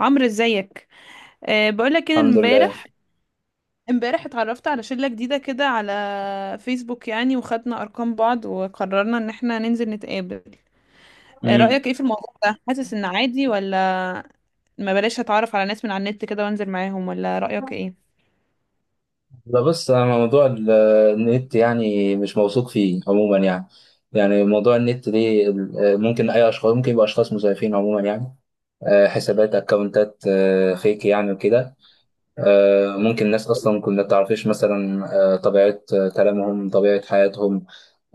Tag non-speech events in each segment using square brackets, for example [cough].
عمرو، ازيك؟ بقولك ان الحمد لله. امبارح اتعرفت على شلة جديدة كده على فيسبوك يعني، وخدنا ارقام بعض وقررنا ان احنا ننزل نتقابل. امم. رأيك ايه في الموضوع ده؟ حاسس ان عادي، ولا ما بلاش اتعرف على ناس من على النت كده وانزل معاهم، ولا رأيك ايه؟ لا، بص، انا موضوع النت يعني مش موثوق فيه عموما يعني. يعني موضوع النت ده ممكن اي اشخاص، ممكن يبقى اشخاص مزيفين عموما يعني. حسابات، اكونتات، فيك يعني وكده. ممكن ناس اصلا كنا تعرفش مثلا. طبيعه، كلامهم، طبيعه حياتهم.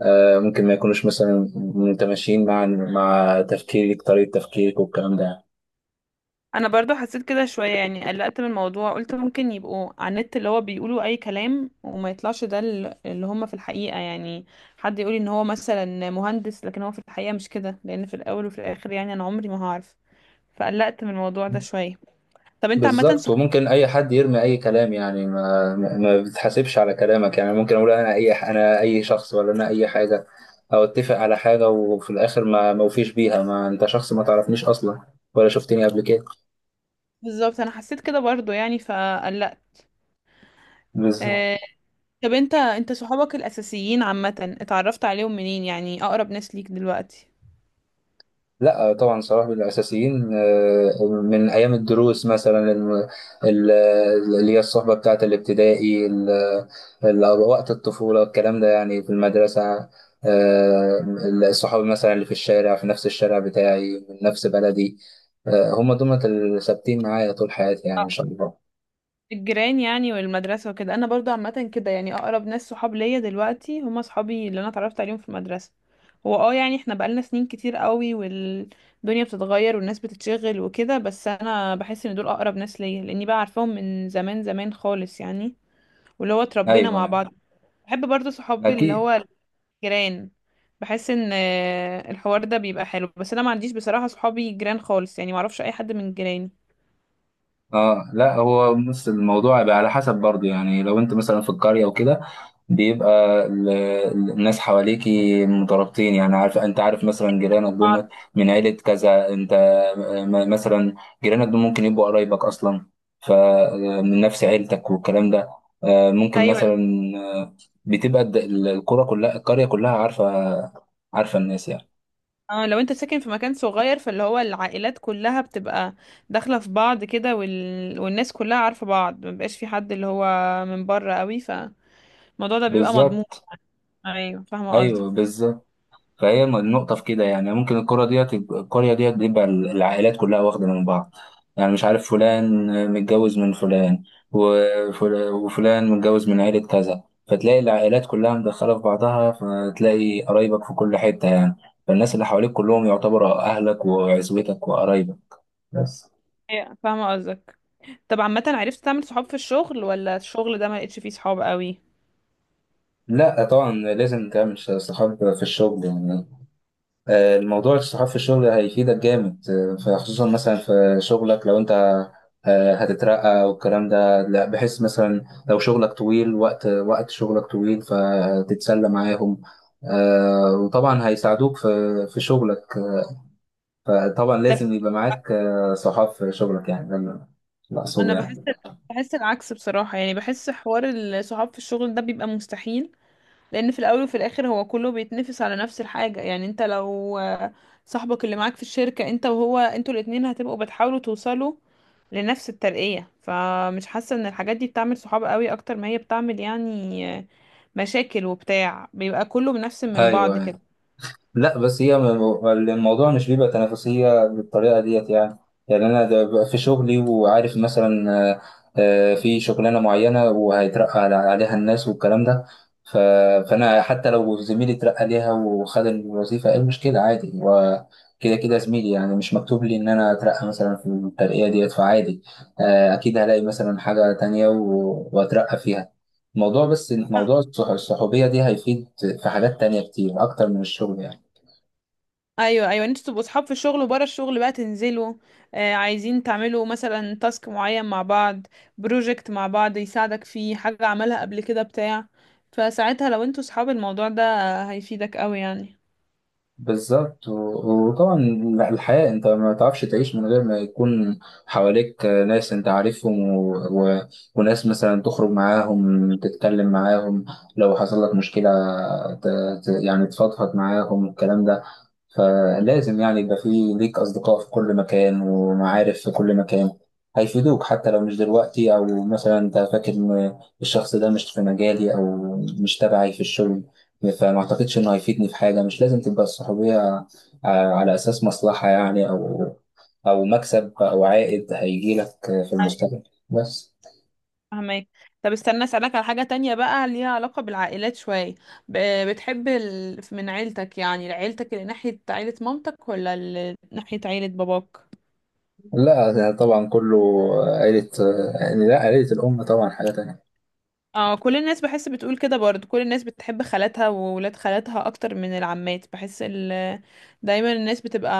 ممكن ما يكونوش مثلا متماشيين مع تفكيرك، طريقه تفكيرك والكلام ده يعني. انا برضو حسيت كده شوية يعني قلقت من الموضوع، قلت ممكن يبقوا على النت اللي هو بيقولوا اي كلام وما يطلعش ده اللي هم في الحقيقة، يعني حد يقولي ان هو مثلا مهندس لكن هو في الحقيقة مش كده، لان في الاول وفي الاخر يعني انا عمري ما هعرف. فقلقت من الموضوع ده شوية. طب انت عامة بالظبط. صح؟ وممكن اي حد يرمي اي كلام يعني، ما بتحاسبش على كلامك يعني. ممكن اقول انا اي شخص، ولا انا اي حاجه، او اتفق على حاجه وفي الاخر ما موفيش بيها. ما انت شخص ما تعرفنيش اصلا ولا شفتني قبل كده. بالظبط، انا حسيت كده برضو يعني فقلقت. بالظبط. آه. طب انت صحابك الاساسيين عامة اتعرفت عليهم منين؟ يعني اقرب ناس ليك دلوقتي. لا طبعا، صلاح من الاساسيين. من ايام الدروس مثلا، ال- اللي هي الصحبه بتاعه الابتدائي، وقت الطفوله الكلام ده يعني، في المدرسه. آه، الصحاب مثلا اللي في الشارع، في نفس الشارع بتاعي، من نفس بلدي. هم دول اللي ثابتين معايا طول حياتي يعني اه. ان شاء الله. الجيران يعني والمدرسة وكده. انا برضو عامة كده، يعني اقرب ناس صحاب ليا دلوقتي هم صحابي اللي انا اتعرفت عليهم في المدرسة. هو يعني احنا بقالنا سنين كتير قوي، والدنيا بتتغير والناس بتتشغل وكده، بس انا بحس ان دول اقرب ناس ليا لاني بقى عارفاهم من زمان زمان خالص يعني، واللي هو اتربينا ايوه مع يعني. بعض. بحب برضه صحابي اللي اكيد. هو الجيران. بحس ان الحوار ده بيبقى حلو، بس انا ما عنديش بصراحة صحابي جيران خالص يعني، ما اعرفش اي حد من جيراني. اه، لا، هو بص الموضوع بقى على حسب برضه يعني. لو انت مثلا في القرية وكده، بيبقى الناس حواليكي مترابطين. يعني عارف، انت عارف مثلا جيرانك دول من عيلة كذا، انت مثلا جيرانك دول ممكن يبقوا قرايبك اصلا، فمن نفس عيلتك والكلام ده. ممكن ايوه. مثلا. آه، بتبقى القرى كلها القرية كلها عارفة الناس يعني. اه، لو انت ساكن في مكان صغير فاللي هو العائلات كلها بتبقى داخله في بعض كده، والناس كلها عارفه بعض، ما بيبقاش في حد اللي هو من بره قوي، فالموضوع ده بيبقى مضمون. بالظبط. ايوه، فاهمه ايوه، قصدك. بالظبط. فهي النقطة في كده يعني. ممكن الكرة ديت القرية ديت بيبقى العائلات كلها واخدة من بعض. يعني مش عارف فلان متجوز من فلان، وفلان متجوز من عيلة كذا، فتلاقي العائلات كلها مدخلة في بعضها، فتلاقي قرايبك في كل حتة يعني. فالناس اللي حواليك كلهم يعتبروا أهلك وعزوتك وقرايبك بس. ايوه، فاهمه قصدك. طب عامه عرفت تعمل صحاب في الشغل، ولا الشغل ده ما لقيتش فيه صحاب قوي؟ لا طبعا، لازم تعمل صحاب في الشغل يعني. الموضوع الصحاب في الشغل هيفيدك جامد. فخصوصا مثلا في شغلك، لو انت هتترقى والكلام ده، لا، بحيث مثلا لو شغلك طويل، وقت شغلك طويل فتتسلى معاهم. وطبعا هيساعدوك في شغلك. فطبعا ده لازم يبقى معاك صحاب في شغلك، يعني ده اللي أقصده انا بحس يعني. بحس العكس بصراحة، يعني بحس حوار الصحاب في الشغل ده بيبقى مستحيل، لان في الاول وفي الاخر هو كله بيتنافس على نفس الحاجة، يعني انت لو صاحبك اللي معاك في الشركة انت وهو، انتوا الاتنين هتبقوا بتحاولوا توصلوا لنفس الترقية، فمش حاسة ان الحاجات دي بتعمل صحاب قوي اكتر ما هي بتعمل يعني مشاكل وبتاع، بيبقى كله بنفس من ايوه، بعض أيوه. كده. لا بس هي الموضوع مش بيبقى تنافسية بالطريقة ديت يعني. يعني أنا ده ببقى في شغلي وعارف مثلا، في شغلانة معينة وهيترقى عليها الناس والكلام ده. ف- فأنا حتى لو زميلي اترقى ليها وخد الوظيفة، إيه المشكلة؟ عادي، هو كده كده زميلي يعني، مش مكتوب لي إن أنا أترقى مثلا في الترقية ديت فعادي. أكيد هلاقي مثلا حاجة تانية وأترقى فيها. الموضوع بس، موضوع الصحوبية دي هيفيد في حاجات تانية كتير أكتر من الشغل يعني. ايوه، ايوه، انتوا تبقوا صحاب في الشغل وبره الشغل بقى تنزلوا، عايزين تعملوا مثلا تاسك معين مع بعض، بروجكت مع بعض يساعدك فيه حاجة عملها قبل كده بتاع، فساعتها لو انتوا صحاب الموضوع ده هيفيدك قوي يعني. بالظبط. وطبعا الحياة انت ما تعرفش تعيش من غير ما يكون حواليك ناس انت عارفهم، وناس مثلا تخرج معاهم، تتكلم معاهم. لو حصل لك مشكلة، ت... يعني تفضفض معاهم الكلام ده. فلازم يعني يبقى في ليك أصدقاء في كل مكان ومعارف في كل مكان هيفيدوك، حتى لو مش دلوقتي، أو مثلا أنت فاكر إن الشخص ده مش في مجالي أو مش تبعي في الشغل فما أعتقدش إنه هيفيدني في حاجة. مش لازم تبقى الصحوبية على أساس مصلحة يعني، أو مكسب أو عائد هيجيلك في المستقبل بس. فهمك. طب استنى اسألك على حاجة تانية بقى ليها علاقة بالعائلات شوية. بتحب من عيلتك، يعني عيلتك اللي ناحية عيلة مامتك ولا اللي ناحية عيلة باباك؟ لا، ده طبعا كله عيلة. يعني لا، عيلة الأم طبعا حاجة تانية. اه، كل الناس بحس بتقول كده برضه، كل الناس بتحب خالاتها وولاد خالاتها اكتر من العمات، بحس دايما الناس بتبقى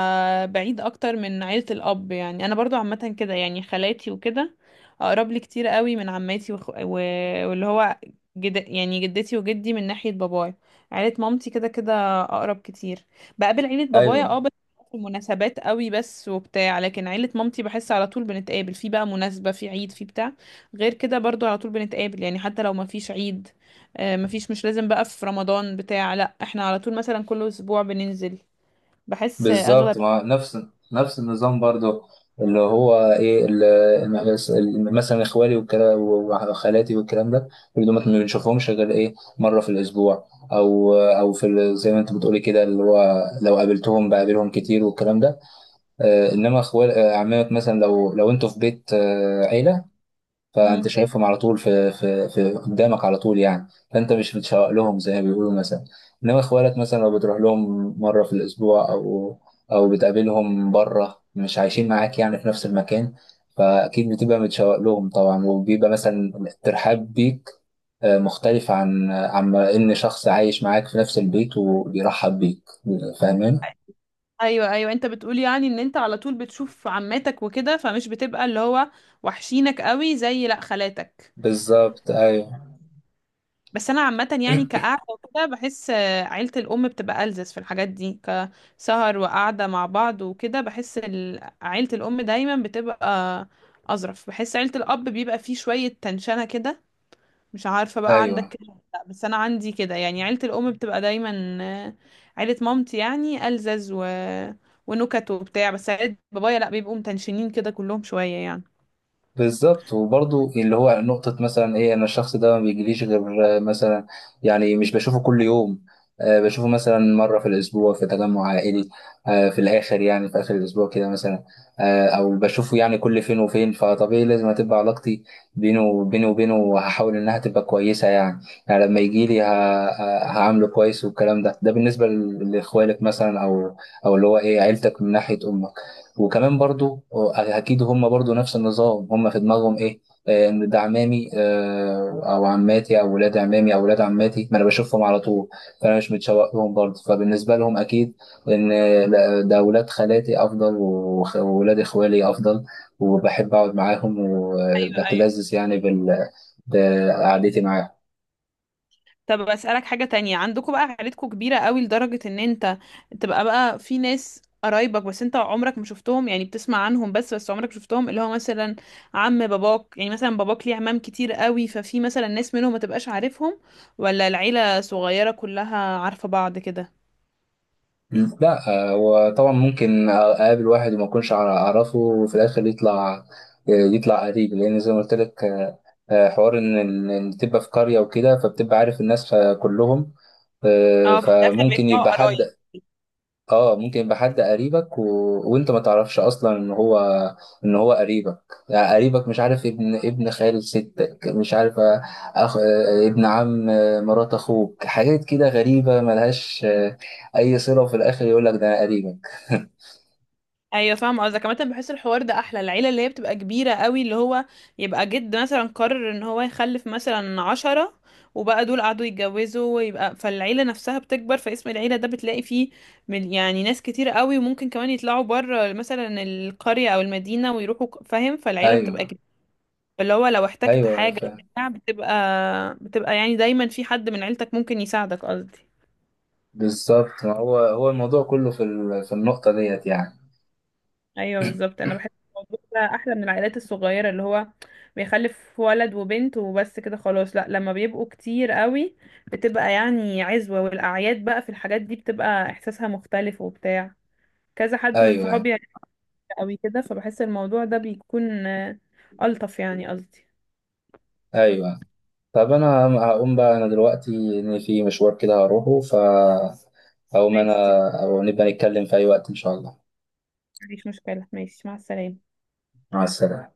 بعيد اكتر من عيلة الاب يعني. انا برضو عامة كده يعني خالاتي وكده اقرب لي كتير قوي من عماتي واللي هو يعني جدتي وجدي من ناحية بابايا. عيلة مامتي كده كده اقرب كتير. بقابل عيلة بابايا، أيوه، اه، بس في مناسبات قوي بس وبتاع، لكن عيلة مامتي بحس على طول بنتقابل، في بقى مناسبة، في عيد، في بتاع، غير كده برضو على طول بنتقابل يعني حتى لو مفيش عيد، مفيش، مش لازم بقى في رمضان بتاع، لا احنا على طول مثلا كل اسبوع بننزل. بحس بالظبط. اغلب. ما نفس النظام برضو، اللي هو ايه، اللي مثلا اخوالي والكلام وخالاتي والكلام ده، اللي ما بنشوفهمش غير ايه مره في الاسبوع، او في زي ما انت بتقولي كده، اللي هو لو قابلتهم بقابلهم كتير والكلام ده. انما اخوال آه، عمامك مثلا، لو انتوا في بيت عيله، فانت مم. شايفهم على طول، في قدامك على طول يعني، فانت مش بتشوق لهم زي ما بيقولوا مثلا. انما اخوالك مثلا لو بتروح لهم مره في الاسبوع، او بتقابلهم بره، مش عايشين معاك يعني في نفس المكان، فاكيد بتبقى متشوق لهم طبعا، وبيبقى مثلا الترحاب بيك مختلف عن ان شخص عايش معاك في نفس البيت وبيرحب بيك. فاهمين؟ ايوه، ايوه، انت بتقول يعني ان انت على طول بتشوف عماتك وكده فمش بتبقى اللي هو وحشينك قوي زي لا خالاتك. بالظبط. ايوه، بس انا عامه يعني كقعده وكده بحس عيله الام بتبقى ألذذ في الحاجات دي، كسهر وقعده مع بعض وكده. بحس عيله الام دايما بتبقى اظرف، بحس عيله الاب بيبقى فيه شويه تنشنه كده. مش عارفة بقى عندك ايوه، كده ولا لا، بس أنا عندي كده، يعني عيلة الأم بتبقى دايما عيلة مامتي يعني ألزز ونكت وبتاع، بس عيلة بابايا لأ بيبقوا متنشنين كده كلهم شوية يعني. بالظبط. وبرضه اللي هو نقطة مثلا ايه، انا الشخص ده ما بيجيليش غير مثلا، يعني مش بشوفه كل يوم. بشوفه مثلا مرة في الأسبوع في تجمع عائلي، في الآخر يعني في آخر الأسبوع كده مثلا، أو بشوفه يعني كل فين وفين. فطبيعي لازم هتبقى علاقتي بينه وبينه وبينه، وهحاول إنها تبقى كويسة يعني. يعني لما يجيلي هعامله كويس والكلام ده. ده بالنسبة لإخوالك مثلا، أو اللي هو إيه، عيلتك من ناحية أمك. وكمان برضو اكيد هم برضو نفس النظام، هم في دماغهم ايه، ان ده عمامي او عماتي او ولاد عمامي او ولاد عماتي، ما انا بشوفهم على طول فانا مش متشوق لهم برضو. فبالنسبه لهم اكيد ان، لا، ده ولاد خالاتي افضل، وولاد اخوالي افضل، وبحب اقعد معاهم وبتلذذ يعني بقعدتي معاهم. طب أسألك حاجة تانية، عندكم بقى عيلتكم كبيرة قوي لدرجة إن أنت تبقى بقى في ناس قرايبك بس انت عمرك ما شفتهم، يعني بتسمع عنهم بس عمرك ما شفتهم، اللي هو مثلا عم باباك، يعني مثلا باباك ليه عمام كتير قوي ففي مثلا ناس منهم ما تبقاش عارفهم، ولا العيلة صغيرة كلها عارفة بعض كده؟ لا، هو طبعا ممكن اقابل واحد وما اكونش اعرفه، وفي الاخر يطلع قريب، لان زي ما قلت لك، حوار ان إن تبقى في قريه وكده فبتبقى عارف الناس كلهم. اه، في الاخر فممكن بيدفعوا يبقى حد. قرايب. اه، ممكن يبقى حد قريبك، وانت ما تعرفش اصلا ان هو ان هو قريبك. يعني قريبك، مش عارف ابن خال ستك، مش عارف أخ... ابن عم، مرات اخوك، حاجات كده غريبة ملهاش اي صلة، وفي الاخر يقول لك ده أنا قريبك. [laughs] ايوه، فاهمه قصدك. كمان بحس الحوار ده احلى، العيله اللي هي بتبقى كبيره قوي، اللي هو يبقى جد مثلا قرر ان هو يخلف مثلا 10، وبقى دول قعدوا يتجوزوا ويبقى فالعيله نفسها بتكبر، فاسم العيله ده بتلاقي فيه من يعني ناس كتير قوي، وممكن كمان يطلعوا بره مثلا القريه او المدينه ويروحوا فاهم. فالعيله ايوه، بتبقى كبيره، اللي هو لو احتجت ايوه، حاجه فاهم. بتاع بتبقى يعني دايما في حد من عيلتك ممكن يساعدك قصدي. بالظبط، ما هو الموضوع كله في في النقطة ديت يعني. ايوه، بالظبط. انا بحس الموضوع ده احلى من العائلات الصغيره اللي هو بيخلف ولد وبنت وبس كده خلاص، لا لما بيبقوا كتير قوي بتبقى يعني عزوه، والاعياد بقى في الحاجات دي بتبقى احساسها مختلف وبتاع، كذا حد من ايوه، صحابي يعني قوي كده، فبحس الموضوع ده بيكون الطف يعني قصدي. ايوه. طب انا هقوم بقى انا دلوقتي، ان في مشوار كده هروحه فهقوم انا. ماشي. او نبقى نتكلم في اي وقت ان شاء الله. مفيش مشكله. ماشي، مع السلامه. مع السلامة.